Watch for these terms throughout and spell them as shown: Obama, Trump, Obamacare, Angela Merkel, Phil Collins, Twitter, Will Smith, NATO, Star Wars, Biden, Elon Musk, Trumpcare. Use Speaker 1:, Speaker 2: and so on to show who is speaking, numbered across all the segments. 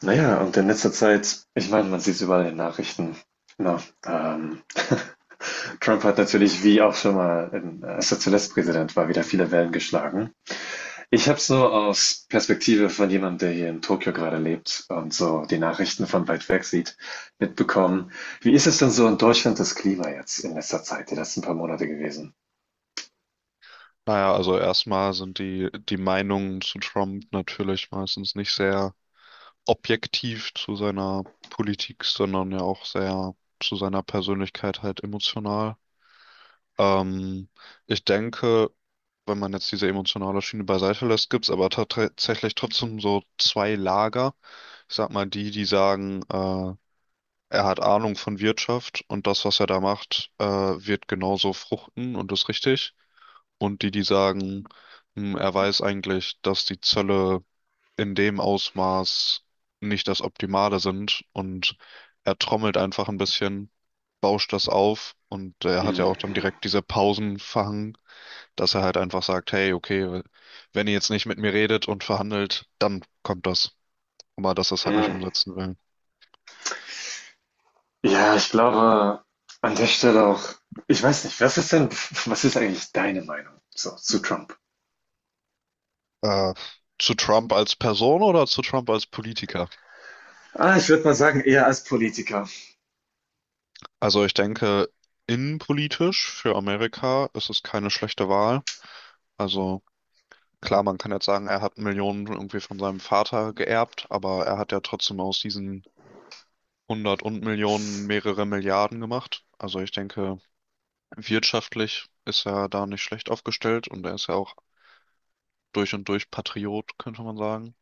Speaker 1: Naja, und in letzter Zeit, ich meine, man sieht es überall in den Nachrichten. Na, ähm, Trump hat natürlich, wie auch schon mal, als er zuletzt Präsident war, wieder viele Wellen geschlagen. Ich habe es nur aus Perspektive von jemandem, der hier in Tokio gerade lebt und so die Nachrichten von weit weg sieht, mitbekommen. Wie ist es denn so in Deutschland das Klima jetzt in letzter Zeit, die letzten paar Monate gewesen?
Speaker 2: Naja, also erstmal sind die Meinungen zu Trump natürlich meistens nicht sehr objektiv zu seiner Politik, sondern ja auch sehr zu seiner Persönlichkeit halt emotional. Ähm, Ich denke, wenn man jetzt diese emotionale Schiene beiseite lässt, gibt's aber tatsächlich trotzdem so zwei Lager. Ich sag mal, die sagen, er hat Ahnung von Wirtschaft und das, was er da macht, wird genauso fruchten und ist richtig. Und die sagen, er weiß eigentlich, dass die Zölle in dem Ausmaß nicht das Optimale sind und er trommelt einfach ein bisschen, bauscht das auf und er hat ja
Speaker 1: Hm,
Speaker 2: auch dann
Speaker 1: hm,
Speaker 2: direkt diese Pausen verhangen, dass er halt einfach sagt: Hey, okay, wenn ihr jetzt nicht mit mir redet und verhandelt, dann kommt das. Aber dass er es halt nicht
Speaker 1: hm.
Speaker 2: umsetzen will.
Speaker 1: Ja, ich glaube, an der Stelle auch ich weiß nicht, was ist denn, was ist eigentlich deine Meinung so, zu Trump?
Speaker 2: Äh, zu Trump als Person oder zu Trump als Politiker?
Speaker 1: Ah, ich würde mal sagen, eher als Politiker.
Speaker 2: Also ich denke, innenpolitisch für Amerika ist es keine schlechte Wahl. Also klar, man kann jetzt sagen, er hat Millionen irgendwie von seinem Vater geerbt, aber er hat ja trotzdem aus diesen hundert und Millionen mehrere Milliarden gemacht. Also ich denke, wirtschaftlich ist er da nicht schlecht aufgestellt und er ist ja auch durch und durch Patriot, könnte man sagen.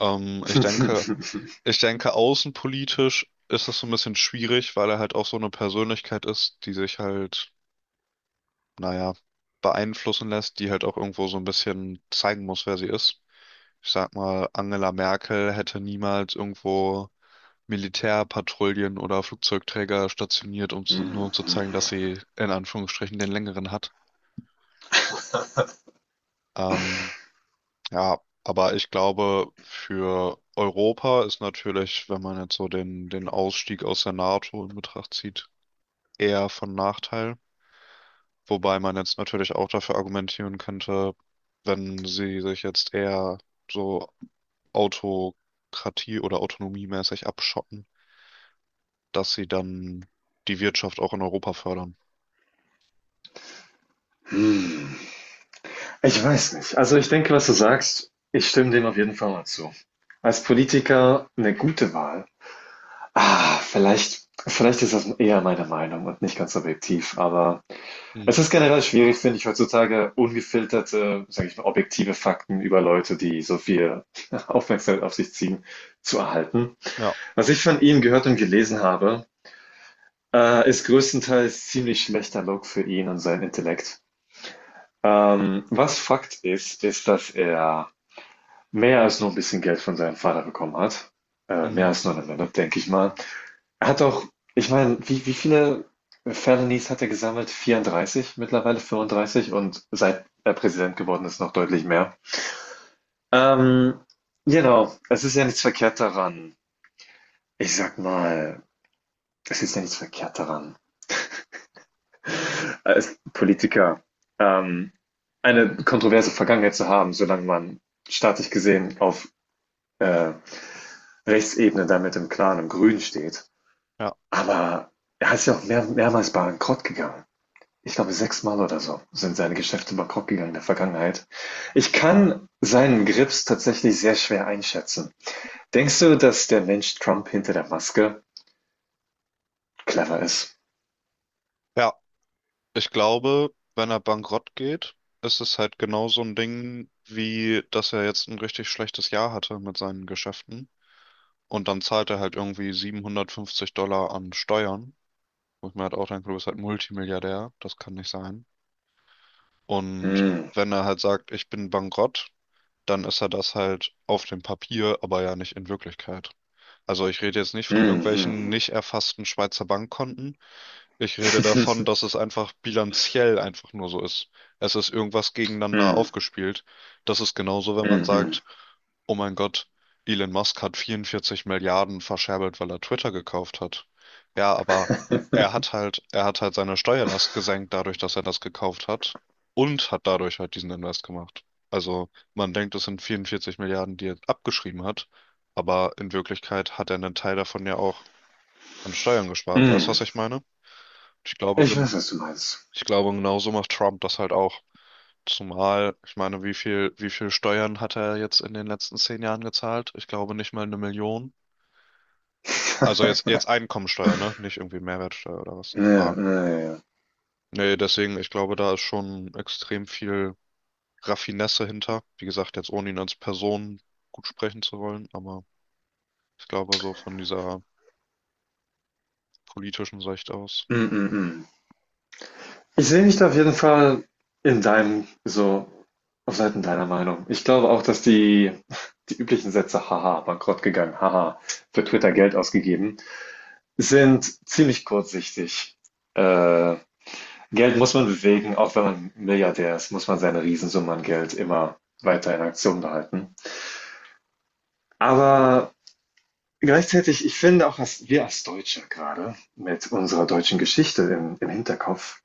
Speaker 2: Ähm, ich denke, Ich denke, außenpolitisch ist das so ein bisschen schwierig, weil er halt auch so eine Persönlichkeit ist, die sich halt, naja, beeinflussen lässt, die halt auch irgendwo so ein bisschen zeigen muss, wer sie ist. Ich sag mal, Angela Merkel hätte niemals irgendwo Militärpatrouillen oder Flugzeugträger stationiert, nur
Speaker 1: Hm,
Speaker 2: um zu zeigen, dass sie in Anführungsstrichen den längeren hat. Ähm, ja, aber ich glaube, für Europa ist natürlich, wenn man jetzt so den Ausstieg aus der NATO in Betracht zieht, eher von Nachteil. Wobei man jetzt natürlich auch dafür argumentieren könnte, wenn sie sich jetzt eher so Autokratie oder autonomiemäßig abschotten, dass sie dann die Wirtschaft auch in Europa fördern.
Speaker 1: hm. Ich weiß nicht. Also ich denke, was du sagst, ich stimme dem auf jeden Fall mal zu. Als Politiker eine gute Wahl. Ah, vielleicht, vielleicht ist das eher meine Meinung und nicht ganz objektiv, aber es
Speaker 2: Hm.
Speaker 1: ist generell schwierig, finde ich, heutzutage ungefilterte, sage ich mal, objektive Fakten über Leute, die so viel Aufmerksamkeit auf sich ziehen, zu erhalten.
Speaker 2: Ja.
Speaker 1: Was ich von ihm gehört und gelesen habe, ist größtenteils ziemlich schlechter Look für ihn und seinen Intellekt. Was Fakt ist, ist, dass er mehr als nur ein bisschen Geld von seinem Vater bekommen hat. Mehr
Speaker 2: Hm.
Speaker 1: als nur eine Menge, denke ich mal. Er hat auch, ich meine, wie viele Felonies hat er gesammelt? 34, mittlerweile 35 und seit er Präsident geworden ist, noch deutlich mehr. Ähm, genau, es ist ja nichts verkehrt daran. Ich sag mal, es ist ja nichts verkehrt daran, als Politiker ähm, eine kontroverse Vergangenheit zu haben, solange man staatlich gesehen auf äh, Rechtsebene damit im Klaren, im Grün steht.
Speaker 2: Ja.
Speaker 1: Aber er ist ja auch mehrmals bankrott gegangen. Ich glaube, sechsmal oder so sind seine Geschäfte bankrott gegangen in der Vergangenheit. Ich kann seinen Grips tatsächlich sehr schwer einschätzen. Denkst du, dass der Mensch Trump hinter der Maske clever ist?
Speaker 2: Ja. Ich glaube, wenn er bankrott geht, ist es halt genau so ein Ding, wie dass er jetzt ein richtig schlechtes Jahr hatte mit seinen Geschäften. Und dann zahlt er halt irgendwie $750 an Steuern. Wo ich mir halt auch denke, du bist halt Multimilliardär. Das kann nicht sein. Und
Speaker 1: Hm,
Speaker 2: wenn er halt sagt, ich bin bankrott, dann ist er das halt auf dem Papier, aber ja nicht in Wirklichkeit. Also ich rede jetzt nicht von
Speaker 1: hm, hm,
Speaker 2: irgendwelchen nicht erfassten Schweizer Bankkonten. Ich rede davon, dass es einfach bilanziell einfach nur so ist. Es ist irgendwas gegeneinander
Speaker 1: hm,
Speaker 2: aufgespielt. Das ist genauso, wenn man
Speaker 1: hm, hm,
Speaker 2: sagt, oh mein Gott, Elon Musk hat 44 Milliarden verscherbelt, weil er Twitter gekauft hat. Ja, aber er hat halt seine Steuerlast gesenkt dadurch, dass er das gekauft hat und hat dadurch halt diesen Invest gemacht. Also man denkt, es sind 44 Milliarden, die er abgeschrieben hat, aber in Wirklichkeit hat er einen Teil davon ja auch an Steuern gespart. Weißt du,
Speaker 1: hm.
Speaker 2: was ich meine? Ich glaube,
Speaker 1: Ich
Speaker 2: gen-
Speaker 1: weiß, was du meinst.
Speaker 2: Ich glaube, genauso macht Trump das halt auch. Zumal, ich meine, wie viel Steuern hat er jetzt in den letzten 10 Jahren gezahlt? Ich glaube nicht mal eine Million. Also jetzt Einkommensteuer, ne? Nicht irgendwie Mehrwertsteuer oder was.
Speaker 1: Ja,
Speaker 2: Aber
Speaker 1: ja, ja.
Speaker 2: nee, deswegen, ich glaube, da ist schon extrem viel Raffinesse hinter. Wie gesagt, jetzt ohne ihn als Person gut sprechen zu wollen, aber ich glaube so von dieser politischen Sicht aus.
Speaker 1: Hm, hm, hm. Ich sehe mich da auf jeden Fall in deinem so auf Seiten deiner Meinung. Ich glaube auch, dass die üblichen Sätze, haha, bankrott gegangen, haha, für Twitter Geld ausgegeben, sind ziemlich kurzsichtig. Äh, Geld muss man bewegen, auch wenn man Milliardär ist, muss man seine Riesensumme an Geld immer weiter in Aktion behalten. Aber gleichzeitig, ich finde auch, dass wir als Deutsche gerade mit unserer deutschen Geschichte im Hinterkopf,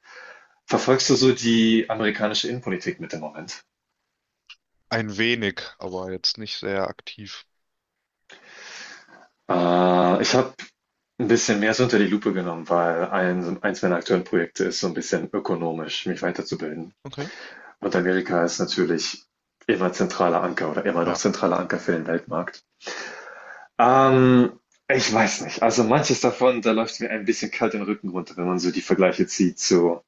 Speaker 1: verfolgst du so die amerikanische Innenpolitik mit dem Moment?
Speaker 2: Ein wenig, aber jetzt nicht sehr aktiv.
Speaker 1: Ich habe ein bisschen mehr so unter die Lupe genommen, weil eins meiner aktuellen Projekte ist so ein bisschen ökonomisch, mich weiterzubilden.
Speaker 2: Okay.
Speaker 1: Und Amerika ist natürlich immer zentraler Anker oder immer noch
Speaker 2: Ja,
Speaker 1: zentraler Anker für den Weltmarkt. Ähm, ich weiß nicht. Also, manches davon, da läuft mir ein bisschen kalt den Rücken runter, wenn man so die Vergleiche zieht zu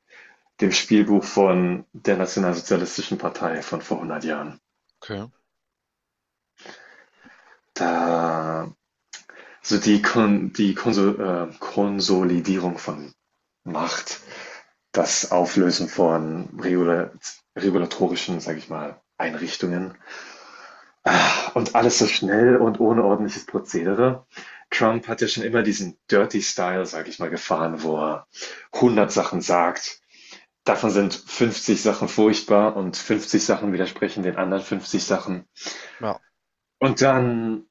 Speaker 1: dem Spielbuch von der Nationalsozialistischen Partei von vor 100 Jahren.
Speaker 2: okay.
Speaker 1: Da so die Konsolidierung von Macht, das Auflösen von regulatorischen, sage ich mal, Einrichtungen und alles so schnell und ohne ordentliches Prozedere. Trump hat ja schon immer diesen Dirty Style, sage ich mal, gefahren, wo er 100 Sachen sagt. Davon sind 50 Sachen furchtbar und 50 Sachen widersprechen den anderen 50 Sachen.
Speaker 2: Ja.
Speaker 1: Und dann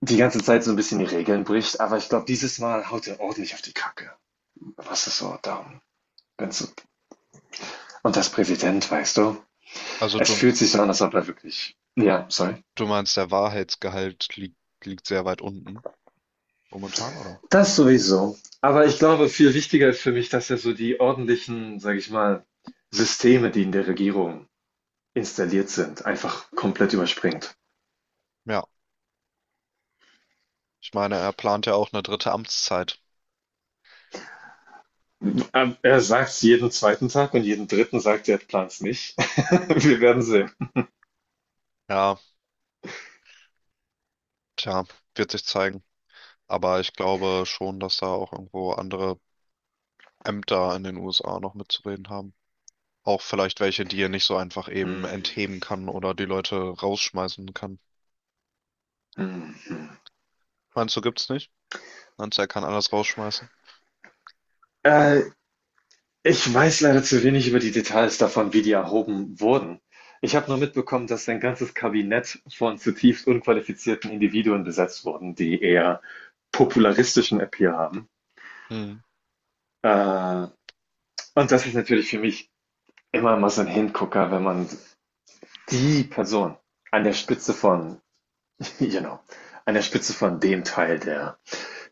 Speaker 1: die ganze Zeit so ein bisschen die Regeln bricht. Aber ich glaube, dieses Mal haut er ordentlich auf die Kacke. Was ist so darum? So- und das Präsident, weißt du,
Speaker 2: Also
Speaker 1: es
Speaker 2: du,
Speaker 1: fühlt sich so an, als ob er wirklich ja, sorry.
Speaker 2: du meinst, liegt sehr weit unten momentan, oder?
Speaker 1: Das sowieso. Aber ich glaube, viel wichtiger ist für mich, dass ja so die ordentlichen, sage ich mal, Systeme, die in der Regierung installiert sind, einfach komplett überspringt.
Speaker 2: Ja. Ich meine, er plant ja auch eine dritte Amtszeit.
Speaker 1: Er sagt es jeden zweiten Tag und jeden dritten sagt er, er plant es nicht. Wir werden sehen.
Speaker 2: Ja, tja, wird sich zeigen. Aber ich glaube schon, dass da auch irgendwo andere Ämter in den USA noch mitzureden haben. Auch vielleicht welche, die er nicht so einfach eben
Speaker 1: Hm,
Speaker 2: entheben kann oder die Leute rausschmeißen kann.
Speaker 1: hm, hm.
Speaker 2: Meinst du, gibt's nicht? Meinst du, er kann alles rausschmeißen?
Speaker 1: Äh, ich weiß leider zu wenig über die Details davon, wie die erhoben wurden. Ich habe nur mitbekommen, dass ein ganzes Kabinett von zutiefst unqualifizierten Individuen besetzt wurden, die eher popularistischen Appeal haben.
Speaker 2: Hm.
Speaker 1: Äh, und das ist natürlich für mich immer mal so ein Hingucker, wenn man die Person an der Spitze von, you know, an der Spitze von dem Teil der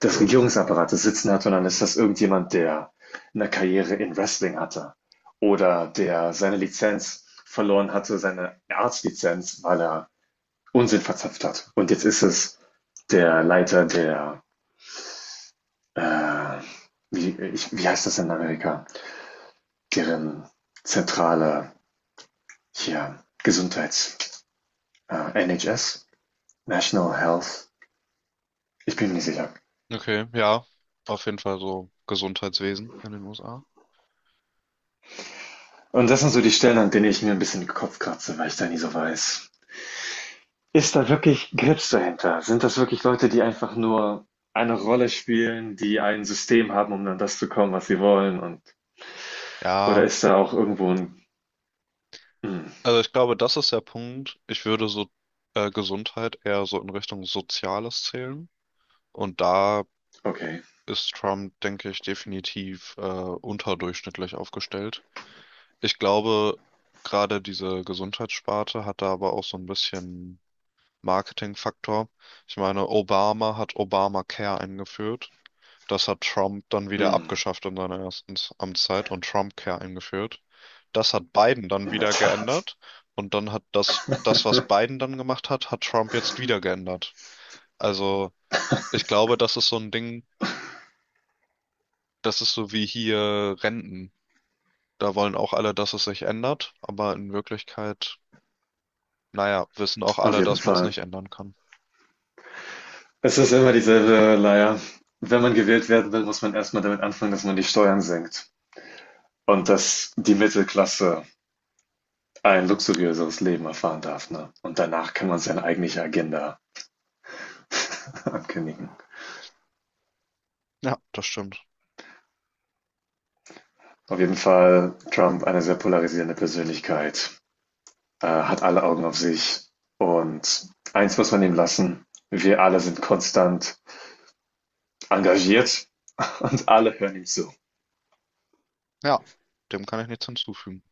Speaker 1: des Regierungsapparates sitzen hat, sondern ist das irgendjemand, der eine Karriere in Wrestling hatte oder der seine Lizenz verloren hatte, seine Arztlizenz, weil er Unsinn verzapft hat. Und jetzt ist es der Leiter der, äh, wie heißt das in Amerika, deren zentrale hier Gesundheits, NHS, National Health, ich bin mir nicht sicher.
Speaker 2: Okay, ja, auf jeden Fall so Gesundheitswesen in den USA.
Speaker 1: Und das sind so die Stellen, an denen ich mir ein bisschen den Kopf kratze, weil ich da nie so weiß, ist da wirklich Grips dahinter? Sind das wirklich Leute, die einfach nur eine Rolle spielen, die ein System haben, um an das zu kommen, was sie wollen? Und oder
Speaker 2: Ja,
Speaker 1: ist da auch irgendwo ein hm,
Speaker 2: also ich glaube, das ist der Punkt. Ich würde so Gesundheit eher so in Richtung Soziales zählen. Und da
Speaker 1: okay.
Speaker 2: ist Trump, denke ich, definitiv unterdurchschnittlich aufgestellt. Ich glaube, gerade diese Gesundheitssparte hat da aber auch so ein bisschen Marketingfaktor. Ich meine, Obama hat Obamacare eingeführt. Das hat Trump dann wieder
Speaker 1: Hm,
Speaker 2: abgeschafft in seiner ersten Amtszeit und Trumpcare eingeführt. Das hat Biden dann
Speaker 1: in der
Speaker 2: wieder
Speaker 1: Tat.
Speaker 2: geändert und dann hat das, was Biden dann gemacht hat, hat Trump jetzt wieder geändert. Also ich glaube, das ist so ein Ding, das ist so wie hier Renten. Da wollen auch alle, dass es sich ändert, aber in Wirklichkeit, naja, wissen auch
Speaker 1: Auf
Speaker 2: alle,
Speaker 1: jeden
Speaker 2: dass man es
Speaker 1: Fall.
Speaker 2: nicht ändern kann.
Speaker 1: Es ist immer dieselbe Leier. Wenn man gewählt werden will, muss man erstmal damit anfangen, dass man die Steuern senkt und dass die Mittelklasse ein luxuriöseres Leben erfahren darf. Ne? Und danach kann man seine eigentliche Agenda ankündigen.
Speaker 2: Ja, das stimmt.
Speaker 1: Auf jeden Fall Trump eine sehr polarisierende Persönlichkeit. Hat alle Augen auf sich. Und eins muss man ihm lassen, wir alle sind konstant engagiert und alle hören ihm zu.
Speaker 2: Ja, dem kann ich nichts hinzufügen.